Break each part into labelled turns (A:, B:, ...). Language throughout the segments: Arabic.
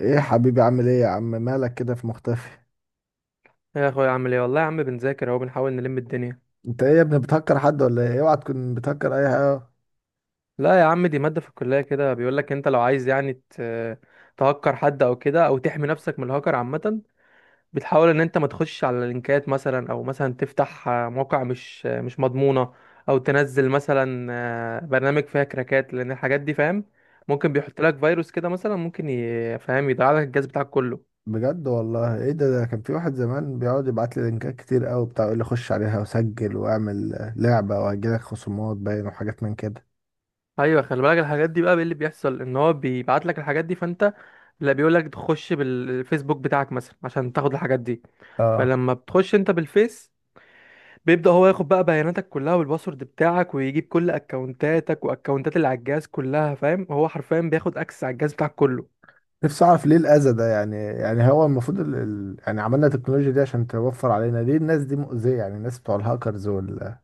A: ايه يا حبيبي، عامل ايه يا عم، مالك كده في مختفي؟
B: يا اخويا، عامل ايه؟ والله يا عم بنذاكر اهو، بنحاول نلم الدنيا.
A: انت ايه يا ابني، بتهكر حد ولا ايه؟ اوعى تكون بتهكر اي حاجه.
B: لا يا عم، دي مادة في الكلية، كده بيقول لك انت لو عايز يعني تهكر حد او كده، او تحمي نفسك من الهكر عامة. بتحاول ان انت ما تخش على لينكات مثلا، او مثلا تفتح موقع مش مضمونة. او تنزل مثلا برنامج فيها كراكات، لان الحاجات دي فاهم ممكن بيحط لك فيروس كده، مثلا ممكن فاهم، يضيع لك الجهاز بتاعك كله.
A: بجد والله، ايه ده كان في واحد زمان بيقعد يبعت لي لينكات كتير قوي بتاع، يقول لي خش عليها وسجل واعمل لعبه، وهجيلك خصومات باين وحاجات من كده.
B: ايوه، خلي بالك الحاجات دي بقى. إيه اللي بيحصل؟ ان هو بيبعت لك الحاجات دي، فانت لا، بيقول لك تخش بالفيسبوك بتاعك مثلا عشان تاخد الحاجات دي.
A: اه.
B: فلما بتخش انت بالفيس، بيبدأ هو ياخد بقى بياناتك كلها والباسورد بتاعك، ويجيب كل اكونتاتك واكونتات اللي على الجهاز كلها، فاهم؟ هو حرفيا بياخد اكسس على الجهاز بتاعك كله.
A: نفسي اعرف ليه الاذى ده؟ يعني هو المفروض يعني عملنا التكنولوجيا دي عشان توفر علينا، ليه الناس دي مؤذيه؟ يعني الناس بتوع الهاكرز وال،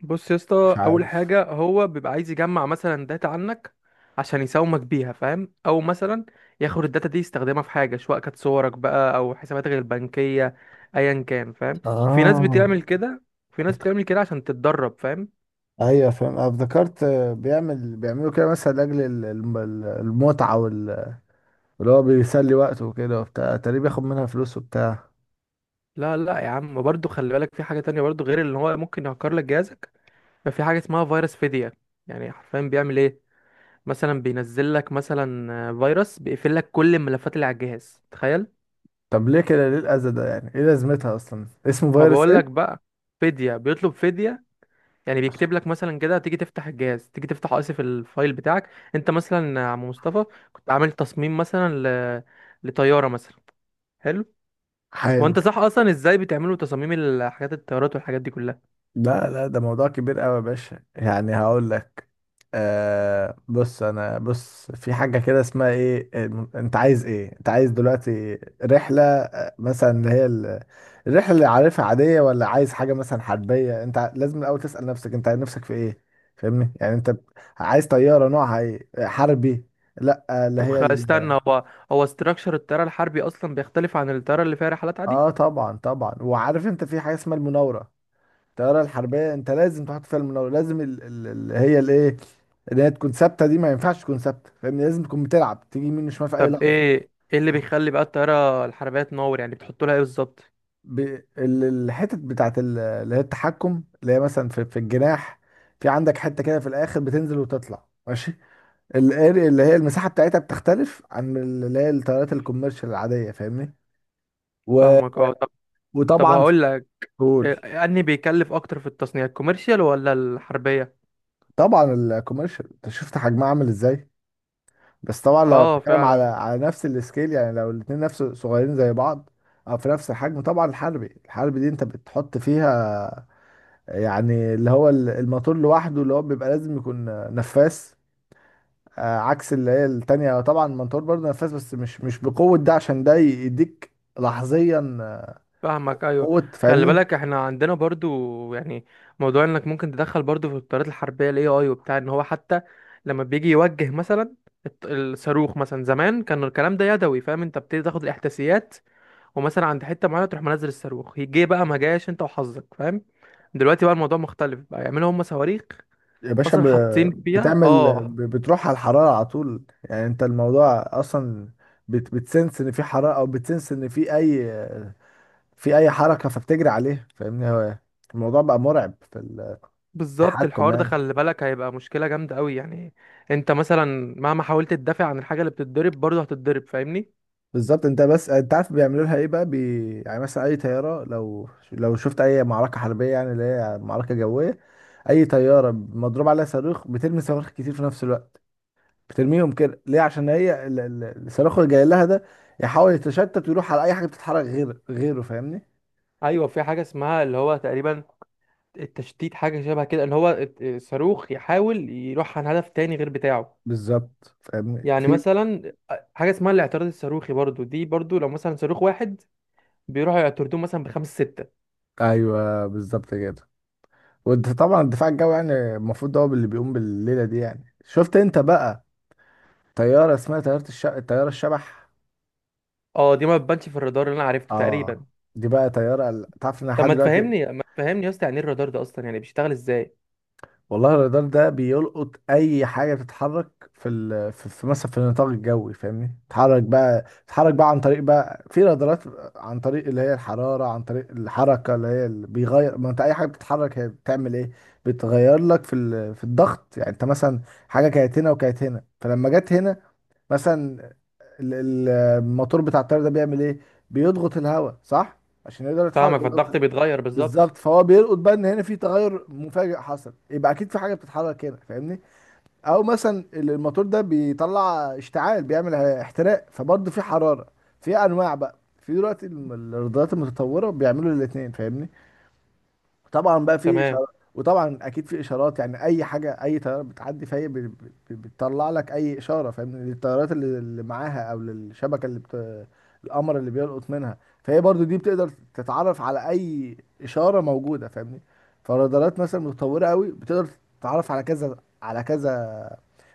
B: بص يا
A: مش
B: اسطى، اول
A: عارف.
B: حاجه هو بيبقى عايز يجمع مثلا داتا عنك عشان يساومك بيها، فاهم؟ او مثلا ياخد الداتا دي يستخدمها في حاجه، سواء كانت صورك بقى او حساباتك البنكيه، ايا كان فاهم. وفي ناس
A: اه.
B: بتعمل كده، وفي ناس بتعمل كده عشان تتدرب فاهم.
A: ايوه فاهم. انا افتكرت بيعملوا كده مثلا لاجل المتعه واللي هو بيسلي وقته وكده وبتاع، تقريبا بياخد منها فلوس وبتاع.
B: لا، لا يا عم، برضو خلي بالك في حاجه تانية برضو، غير اللي هو ممكن يهكر لك جهازك. ففي حاجه اسمها فيروس فدية. يعني حرفيا بيعمل ايه؟ مثلا بينزل لك مثلا فيروس بيقفل لك كل الملفات اللي على الجهاز، تخيل.
A: طب ليه كده؟ ليه الاذى ده؟ يعني ايه لازمتها اصلا، اسمه
B: ما
A: فيروس
B: بقولك
A: ايه؟
B: بقى، فدية، بيطلب فدية. يعني بيكتب لك مثلا كده، تيجي تفتح الفايل بتاعك. انت مثلا يا عم مصطفى، كنت عامل تصميم مثلا ل... لطيارة مثلا. حلو.
A: حلو.
B: وانت صح اصلا، ازاي بتعملوا تصاميم الحاجات، الطيارات والحاجات دي كلها؟
A: لا لا، ده موضوع كبير قوي يا باشا، يعني هقول لك. آه بص، انا بص في حاجه كده اسمها ايه. انت عايز ايه؟ انت عايز دلوقتي رحله، مثلا اللي هي الرحلة اللي عارفها عادية، ولا عايز حاجة مثلا حربية؟ انت لازم الاول تسأل نفسك، انت نفسك في ايه. فاهمني؟ يعني انت عايز طيارة نوعها ايه، حربي؟ لا اللي
B: طب
A: هي
B: استنى، هو استراكشر الطيارة الحربي اصلا بيختلف عن الطيارة اللي فيها رحلات عادي؟
A: اه طبعا طبعا، وعارف انت في حاجة اسمها المناورة. الطيارة الحربية انت لازم تحط فيها المناورة، لازم اللي هي الايه، اللي هي تكون ثابتة، دي ما ينفعش تكون ثابتة، فاهمني؟ لازم تكون بتلعب، تيجي يمين وشمال في اي
B: طب
A: لحظة.
B: ايه اللي بيخلي بقى الطيارة الحربية تنور؟ يعني بتحط لها ايه بالظبط؟
A: ب... الحتت بتاعت اللي هي التحكم، اللي هي مثلا في الجناح. في عندك حتة كده في الآخر، بتنزل وتطلع ماشي. الاري اللي هي المساحة بتاعتها بتختلف عن اللي هي الطيارات الكوميرشال العادية، فاهمني؟ و...
B: فاهمك، اه طب
A: وطبعا في.
B: هقول لك
A: قول.
B: إيه، اني بيكلف اكتر في التصنيع، الكوميرشال ولا الحربيه؟
A: طبعا الكوميرشال، انت شفت حجمها عامل ازاي. بس طبعا لو
B: اه
A: بتتكلم على
B: فعلا.
A: على نفس السكيل، يعني لو الاتنين نفس، صغيرين زي بعض او في نفس الحجم، طبعا الحربي دي انت بتحط فيها يعني اللي هو الموتور لوحده، اللي هو بيبقى لازم يكون نفاث. عكس اللي هي التانية، طبعا الموتور برضه نفاث، بس مش بقوة ده، عشان ده يديك لحظيا
B: فاهمك، ايوه.
A: قوة،
B: خلي
A: فاهمني.
B: بالك احنا عندنا برضو يعني موضوع انك ممكن تدخل برضو في الطيارات الحربيه الاي اي وبتاع، ان هو حتى لما بيجي يوجه مثلا الصاروخ، مثلا زمان كان الكلام ده يدوي، فاهم؟ انت بتبتدي تاخد الاحداثيات، ومثلا عند حته معينه تروح منزل الصاروخ، يجي بقى ما جاش، انت وحظك فاهم. دلوقتي بقى الموضوع مختلف، بقى يعملوا هم صواريخ
A: يا باشا،
B: اصلا حاطين فيها
A: بتعمل،
B: اه.
A: بتروح على الحرارة على طول، يعني انت الموضوع اصلا بتسنس ان في حرارة، او بتسنس ان في اي حركة فبتجري عليها، فاهمني؟ هو الموضوع بقى مرعب في
B: بالظبط،
A: التحكم
B: الحوار ده
A: يعني.
B: خلي بالك هيبقى مشكلة جامدة قوي يعني. انت مثلا مهما حاولت تدافع عن الحاجة اللي بتتضرب برضه هتتضرب فاهمني.
A: بالظبط. انت بس انت عارف بيعملوا لها ايه بقى يعني مثلا اي طياره، لو شفت اي معركه حربيه، يعني اللي هي معركه جويه، اي طياره مضروب عليها صاروخ بترمي صواريخ كتير في نفس الوقت. بترميهم كده ليه؟ عشان هي الصاروخ اللي جاي لها ده يحاول يتشتت ويروح على اي حاجه بتتحرك غير غيره، فاهمني؟
B: ايوه، في حاجة اسمها اللي هو تقريبا التشتيت، حاجة شبه كده، ان هو الصاروخ يحاول يروح عن هدف تاني غير بتاعه.
A: بالظبط، فاهمني
B: يعني
A: في.
B: مثلا حاجة اسمها الاعتراض الصاروخي برضه، دي برضه لو مثلا صاروخ واحد بيروحوا يعترضوه مثلا بخمس ستة.
A: ايوه بالظبط كده. وانت طبعا الدفاع الجوي يعني المفروض ده هو اللي بيقوم بالليله دي، يعني شفت انت بقى طياره اسمها طياره الشبح.
B: اه، دي ما بتبانش في الرادار، اللي انا عرفته تقريبا.
A: اه. دي بقى طيارة تعرف ان
B: طب
A: لحد
B: ما
A: دلوقتي،
B: تفهمني، ما تفهمني يا اسطى، يعني ايه الرادار ده اصلا؟ يعني بيشتغل ازاي؟
A: والله الرادار ده بيلقط اي حاجة بتتحرك في مثلا في النطاق الجوي، فاهمني؟ تتحرك بقى عن طريق بقى في رادارات، عن طريق اللي هي الحرارة، عن طريق الحركة اللي هي اللي بيغير. ما انت اي حاجة بتتحرك هي بتعمل ايه؟ بتغير لك في الضغط، يعني انت مثلا حاجة كانت هنا وكانت هنا، فلما جت هنا مثلا، الموتور بتاع الطيارة ده بيعمل ايه؟ بيضغط الهواء صح، عشان يقدر يتحرك
B: فاهمك، فالضغط
A: بيضغط،
B: بيتغير بالظبط.
A: بالظبط. فهو بيلقط بقى ان هنا في تغير مفاجئ حصل، يبقى اكيد في حاجه بتتحرك هنا، فاهمني. او مثلا الموتور ده بيطلع اشتعال، بيعمل احتراق، فبرضه في حراره. في انواع بقى، في دلوقتي الرادارات المتطوره بيعملوا الاثنين، فاهمني. طبعا بقى في
B: تمام.
A: اشارات. وطبعا اكيد في اشارات، يعني اي حاجه، اي طياره بتعدي فهي بتطلع لك اي اشاره، فاهم؟ للطيارات اللي معاها، او للشبكه اللي القمر اللي بيلقط منها. فهي برضو دي بتقدر تتعرف على اي اشاره موجوده، فاهمني؟ فالرادارات مثلا متطوره قوي بتقدر تتعرف على كذا، على كذا،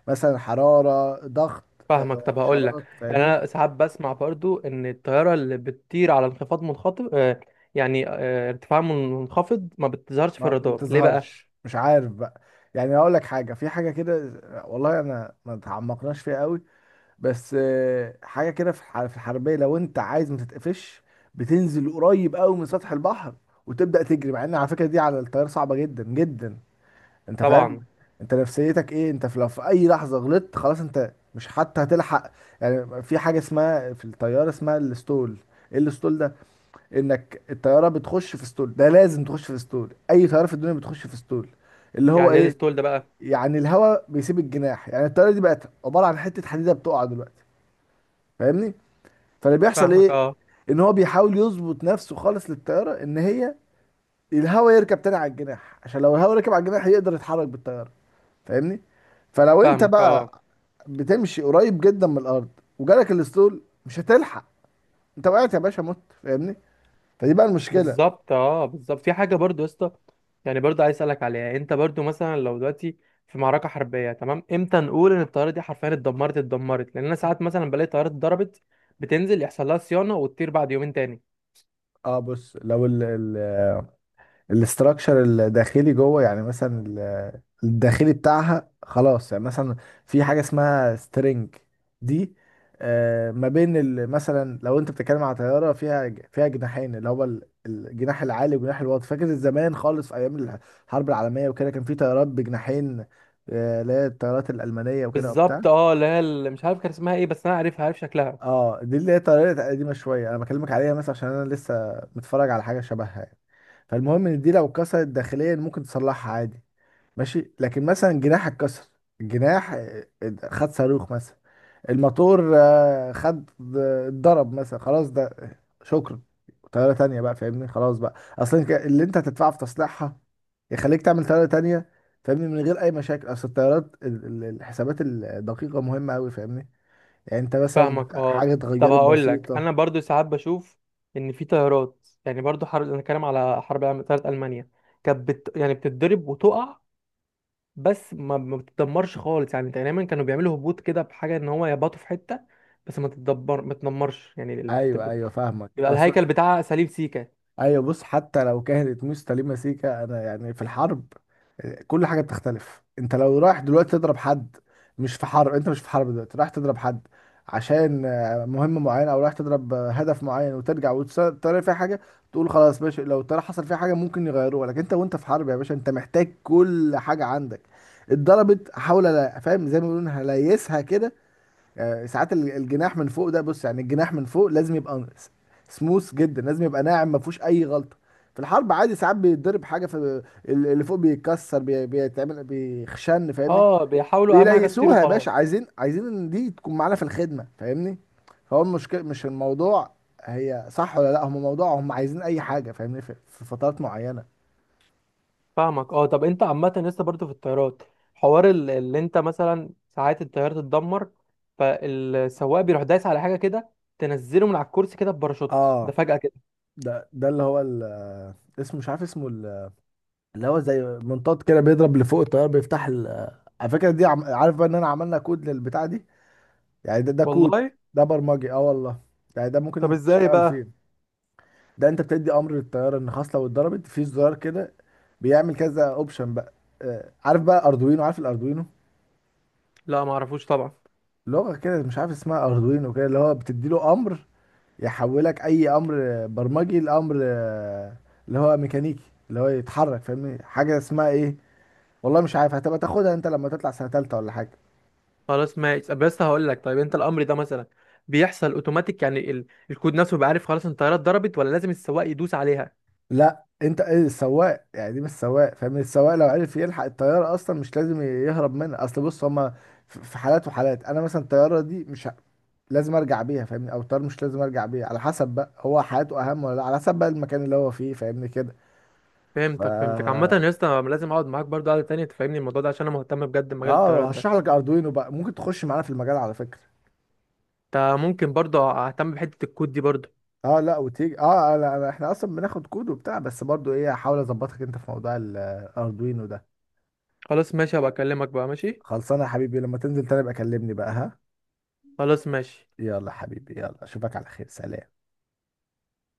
A: مثلا حراره، ضغط،
B: فاهمك، طب هقول
A: اشارات،
B: لك، يعني
A: فاهمني.
B: انا ساعات بسمع برضو ان الطياره اللي بتطير على انخفاض منخفض، يعني ارتفاع منخفض، ما بتظهرش في
A: ما ما
B: الرادار، ليه بقى؟
A: بتظهرش، مش عارف بقى. يعني اقول لك حاجه، في حاجه كده، والله انا ما تعمقناش فيها قوي، بس حاجه كده في في الحربيه، لو انت عايز ما تتقفش، بتنزل قريب قوي من سطح البحر وتبدا تجري، مع ان على فكره دي على الطياره صعبه جدا جدا. انت فاهم؟
B: طبعا.
A: انت نفسيتك ايه؟ انت في لو في اي لحظه غلطت خلاص، انت مش حتى هتلحق. يعني في حاجه اسمها في الطياره اسمها الستول. ايه الستول ده؟ انك الطياره بتخش في ستول، ده لازم تخش في ستول، اي طياره في الدنيا بتخش في ستول، اللي هو
B: يعني ايه
A: ايه،
B: الستول ده بقى؟
A: يعني الهواء بيسيب الجناح، يعني الطياره دي بقت عباره عن حته حديده بتقع دلوقتي، فاهمني؟ فاللي بيحصل
B: فاهمك
A: ايه؟
B: اه.
A: ان هو بيحاول يظبط نفسه خالص للطياره، ان هي الهواء يركب تاني على الجناح، عشان لو الهواء ركب على الجناح يقدر يتحرك بالطياره، فاهمني. فلو انت
B: فاهمك، اه
A: بقى بتمشي قريب جدا من الارض وجالك الاسطول، مش هتلحق، انت وقعت يا باشا، مت، فاهمني؟ فدي بقى المشكله.
B: بالظبط، اه بالظبط، في حاجه برضو يا اسطى، يعني برضو عايز اسالك عليها، انت برضو مثلا لو دلوقتي في معركه حربيه، تمام؟ امتى نقول ان الطياره دي حرفيا اتدمرت، اتدمرت؟ لان انا ساعات مثلا بلاقي طيارات اتضربت، بتنزل يحصل لها صيانه وتطير بعد يومين تاني.
A: اه بص، لو ال الاستراكشر الداخلي جوه، يعني مثلا الداخلي بتاعها خلاص، يعني مثلا في حاجة اسمها سترينج دي، ما بين مثلا لو انت بتتكلم على طيارة فيها جناحين، اللي هو الجناح العالي والجناح الواطي. فاكر زمان خالص في ايام الحرب العالمية وكده، كان في طيارات بجناحين، اللي هي الطيارات الألمانية وكده وبتاع.
B: بالظبط، اه اللي هي، اللي مش عارف كان اسمها ايه، بس انا عارفها، عارف شكلها.
A: اه دي اللي هي طريقة قديمة شوية انا بكلمك عليها، مثلا عشان انا لسه متفرج على حاجة شبهها يعني. فالمهم ان دي لو اتكسرت داخليا ممكن تصلحها عادي، ماشي. لكن مثلا جناح اتكسر، الجناح خد صاروخ مثلا، الموتور خد، اتضرب مثلا، خلاص ده شكرا، طيارة تانية بقى، فاهمني؟ خلاص بقى اصلا اللي انت هتدفعه في تصليحها يخليك تعمل طيارة تانية، فاهمني، من غير اي مشاكل. اصل الطيارات الحسابات الدقيقة مهمة قوي، فاهمني، يعني انت مثلا
B: فاهمك،
A: حاجه
B: اه، طب
A: اتغيرت
B: هقول لك،
A: بسيطه.
B: انا برضو ساعات بشوف ان في طيارات، يعني برضو حرب، انا كلام على حرب العالمية- طيارة المانيا كانت يعني بتتضرب وتقع، بس ما بتتدمرش خالص، يعني دايما كانوا بيعملوا هبوط كده بحاجه، ان هو يبطوا في حته، بس ما تتدمرش يعني
A: ايوه ايوه فاهمك.
B: يبقى الهيكل
A: اصل،
B: بتاعها سليم سيكا.
A: ايوه بص، حتى لو كانت مستلمه سيكه، انا يعني في الحرب كل حاجه بتختلف. انت لو رايح دلوقتي تضرب حد، مش في حرب، انت مش في حرب دلوقتي رايح تضرب حد عشان مهمه معينه، او رايح تضرب هدف معين وترجع وترى فيها حاجه، تقول خلاص ماشي، لو ترى حصل فيها حاجه ممكن يغيروها. لكن انت وانت في حرب يا باشا، انت محتاج كل حاجه عندك، اتضربت حاول فاهم، زي ما بيقولوا، هليسها كده. ساعات الجناح من فوق ده، بص يعني الجناح من فوق لازم يبقى سموث جدا، لازم يبقى ناعم، ما فيهوش اي غلطه. في الحرب عادي ساعات بيتضرب حاجه في اللي فوق، بيتكسر، بيتعمل، بيخشن، فاهمني.
B: اه، بيحاولوا اهم حاجه تطير
A: بيليسوها يا
B: وخلاص.
A: باشا، عايزين عايزين ان دي تكون معانا في الخدمه، فاهمني. فهو المشكله مش الموضوع هي صح ولا لا، هم موضوع هم عايزين اي حاجه، فاهمني، في فترات معينه.
B: فاهمك، اه، طب انت عامة لسه برضو في الطيارات، حوار اللي انت مثلا، ساعات الطيارة تتدمر، فالسواق بيروح دايس على حاجة كده، تنزله من على الكرسي كده بباراشوت، ده
A: اه.
B: فجأة كده.
A: ده اللي هو اسمه، مش عارف اسمه، اللي هو زي منطاد كده بيضرب لفوق الطيارة، بيفتح على فكرة دي عارف بقى ان انا عملنا كود للبتاع دي، يعني ده كود،
B: والله؟
A: ده برمجي، اه والله. يعني ده
B: طب
A: ممكن
B: ازاي
A: تشتغل
B: بقى؟
A: فين. ده انت بتدي امر للطيارة ان خلاص لو اتضربت في زرار كده، بيعمل كذا اوبشن بقى. عارف بقى اردوينو؟ عارف الاردوينو،
B: لا، ما اعرفوش طبعا.
A: لغة كده مش عارف اسمها اردوينو كده، اللي هو بتدي له امر يحولك اي امر برمجي لامر اللي هو ميكانيكي، اللي هو يتحرك، فاهمني. حاجة اسمها ايه، والله مش عارف، هتبقى تاخدها انت لما تطلع سنة تالتة ولا حاجة.
B: خلاص ماشي، طب بس هقول لك، طيب انت الامر ده مثلا بيحصل اوتوماتيك؟ يعني الكود نفسه بيبقى عارف خلاص ان الطياره اتضربت، ولا لازم السواق يدوس عليها؟
A: لا انت ايه السواق؟ يعني دي مش سواق، فاهم؟ السواق لو عرف يلحق الطياره اصلا مش لازم يهرب منها. اصل بص، هما في حالات وحالات. انا مثلا الطياره دي مش لازم ارجع بيها، فاهمني، او الطياره مش لازم ارجع بيها، على حسب بقى، هو حياته اهم ولا لا، على حسب بقى المكان اللي هو فيه، فاهمني كده. ف
B: فهمتك عامه يا اسطى، أنا لازم اقعد معاك برضه قعده تانية تفهمني الموضوع ده، عشان انا مهتم بجد بمجال
A: اه،
B: الطيارات ده.
A: هشرح لك اردوينو بقى، ممكن تخش معانا في المجال على فكره.
B: انت ممكن برضه اهتم بحته الكود دي برضه؟
A: اه لا، وتيجي، اه لا لا، احنا اصلا بناخد كود وبتاع، بس برضو ايه، هحاول اظبطك انت في موضوع الاردوينو ده.
B: خلاص ماشي، هبقى اكلمك بقى، ماشي.
A: خلصانه يا حبيبي، لما تنزل تاني بقى كلمني بقى، ها.
B: خلاص ماشي.
A: يلا حبيبي، يلا اشوفك على خير، سلام.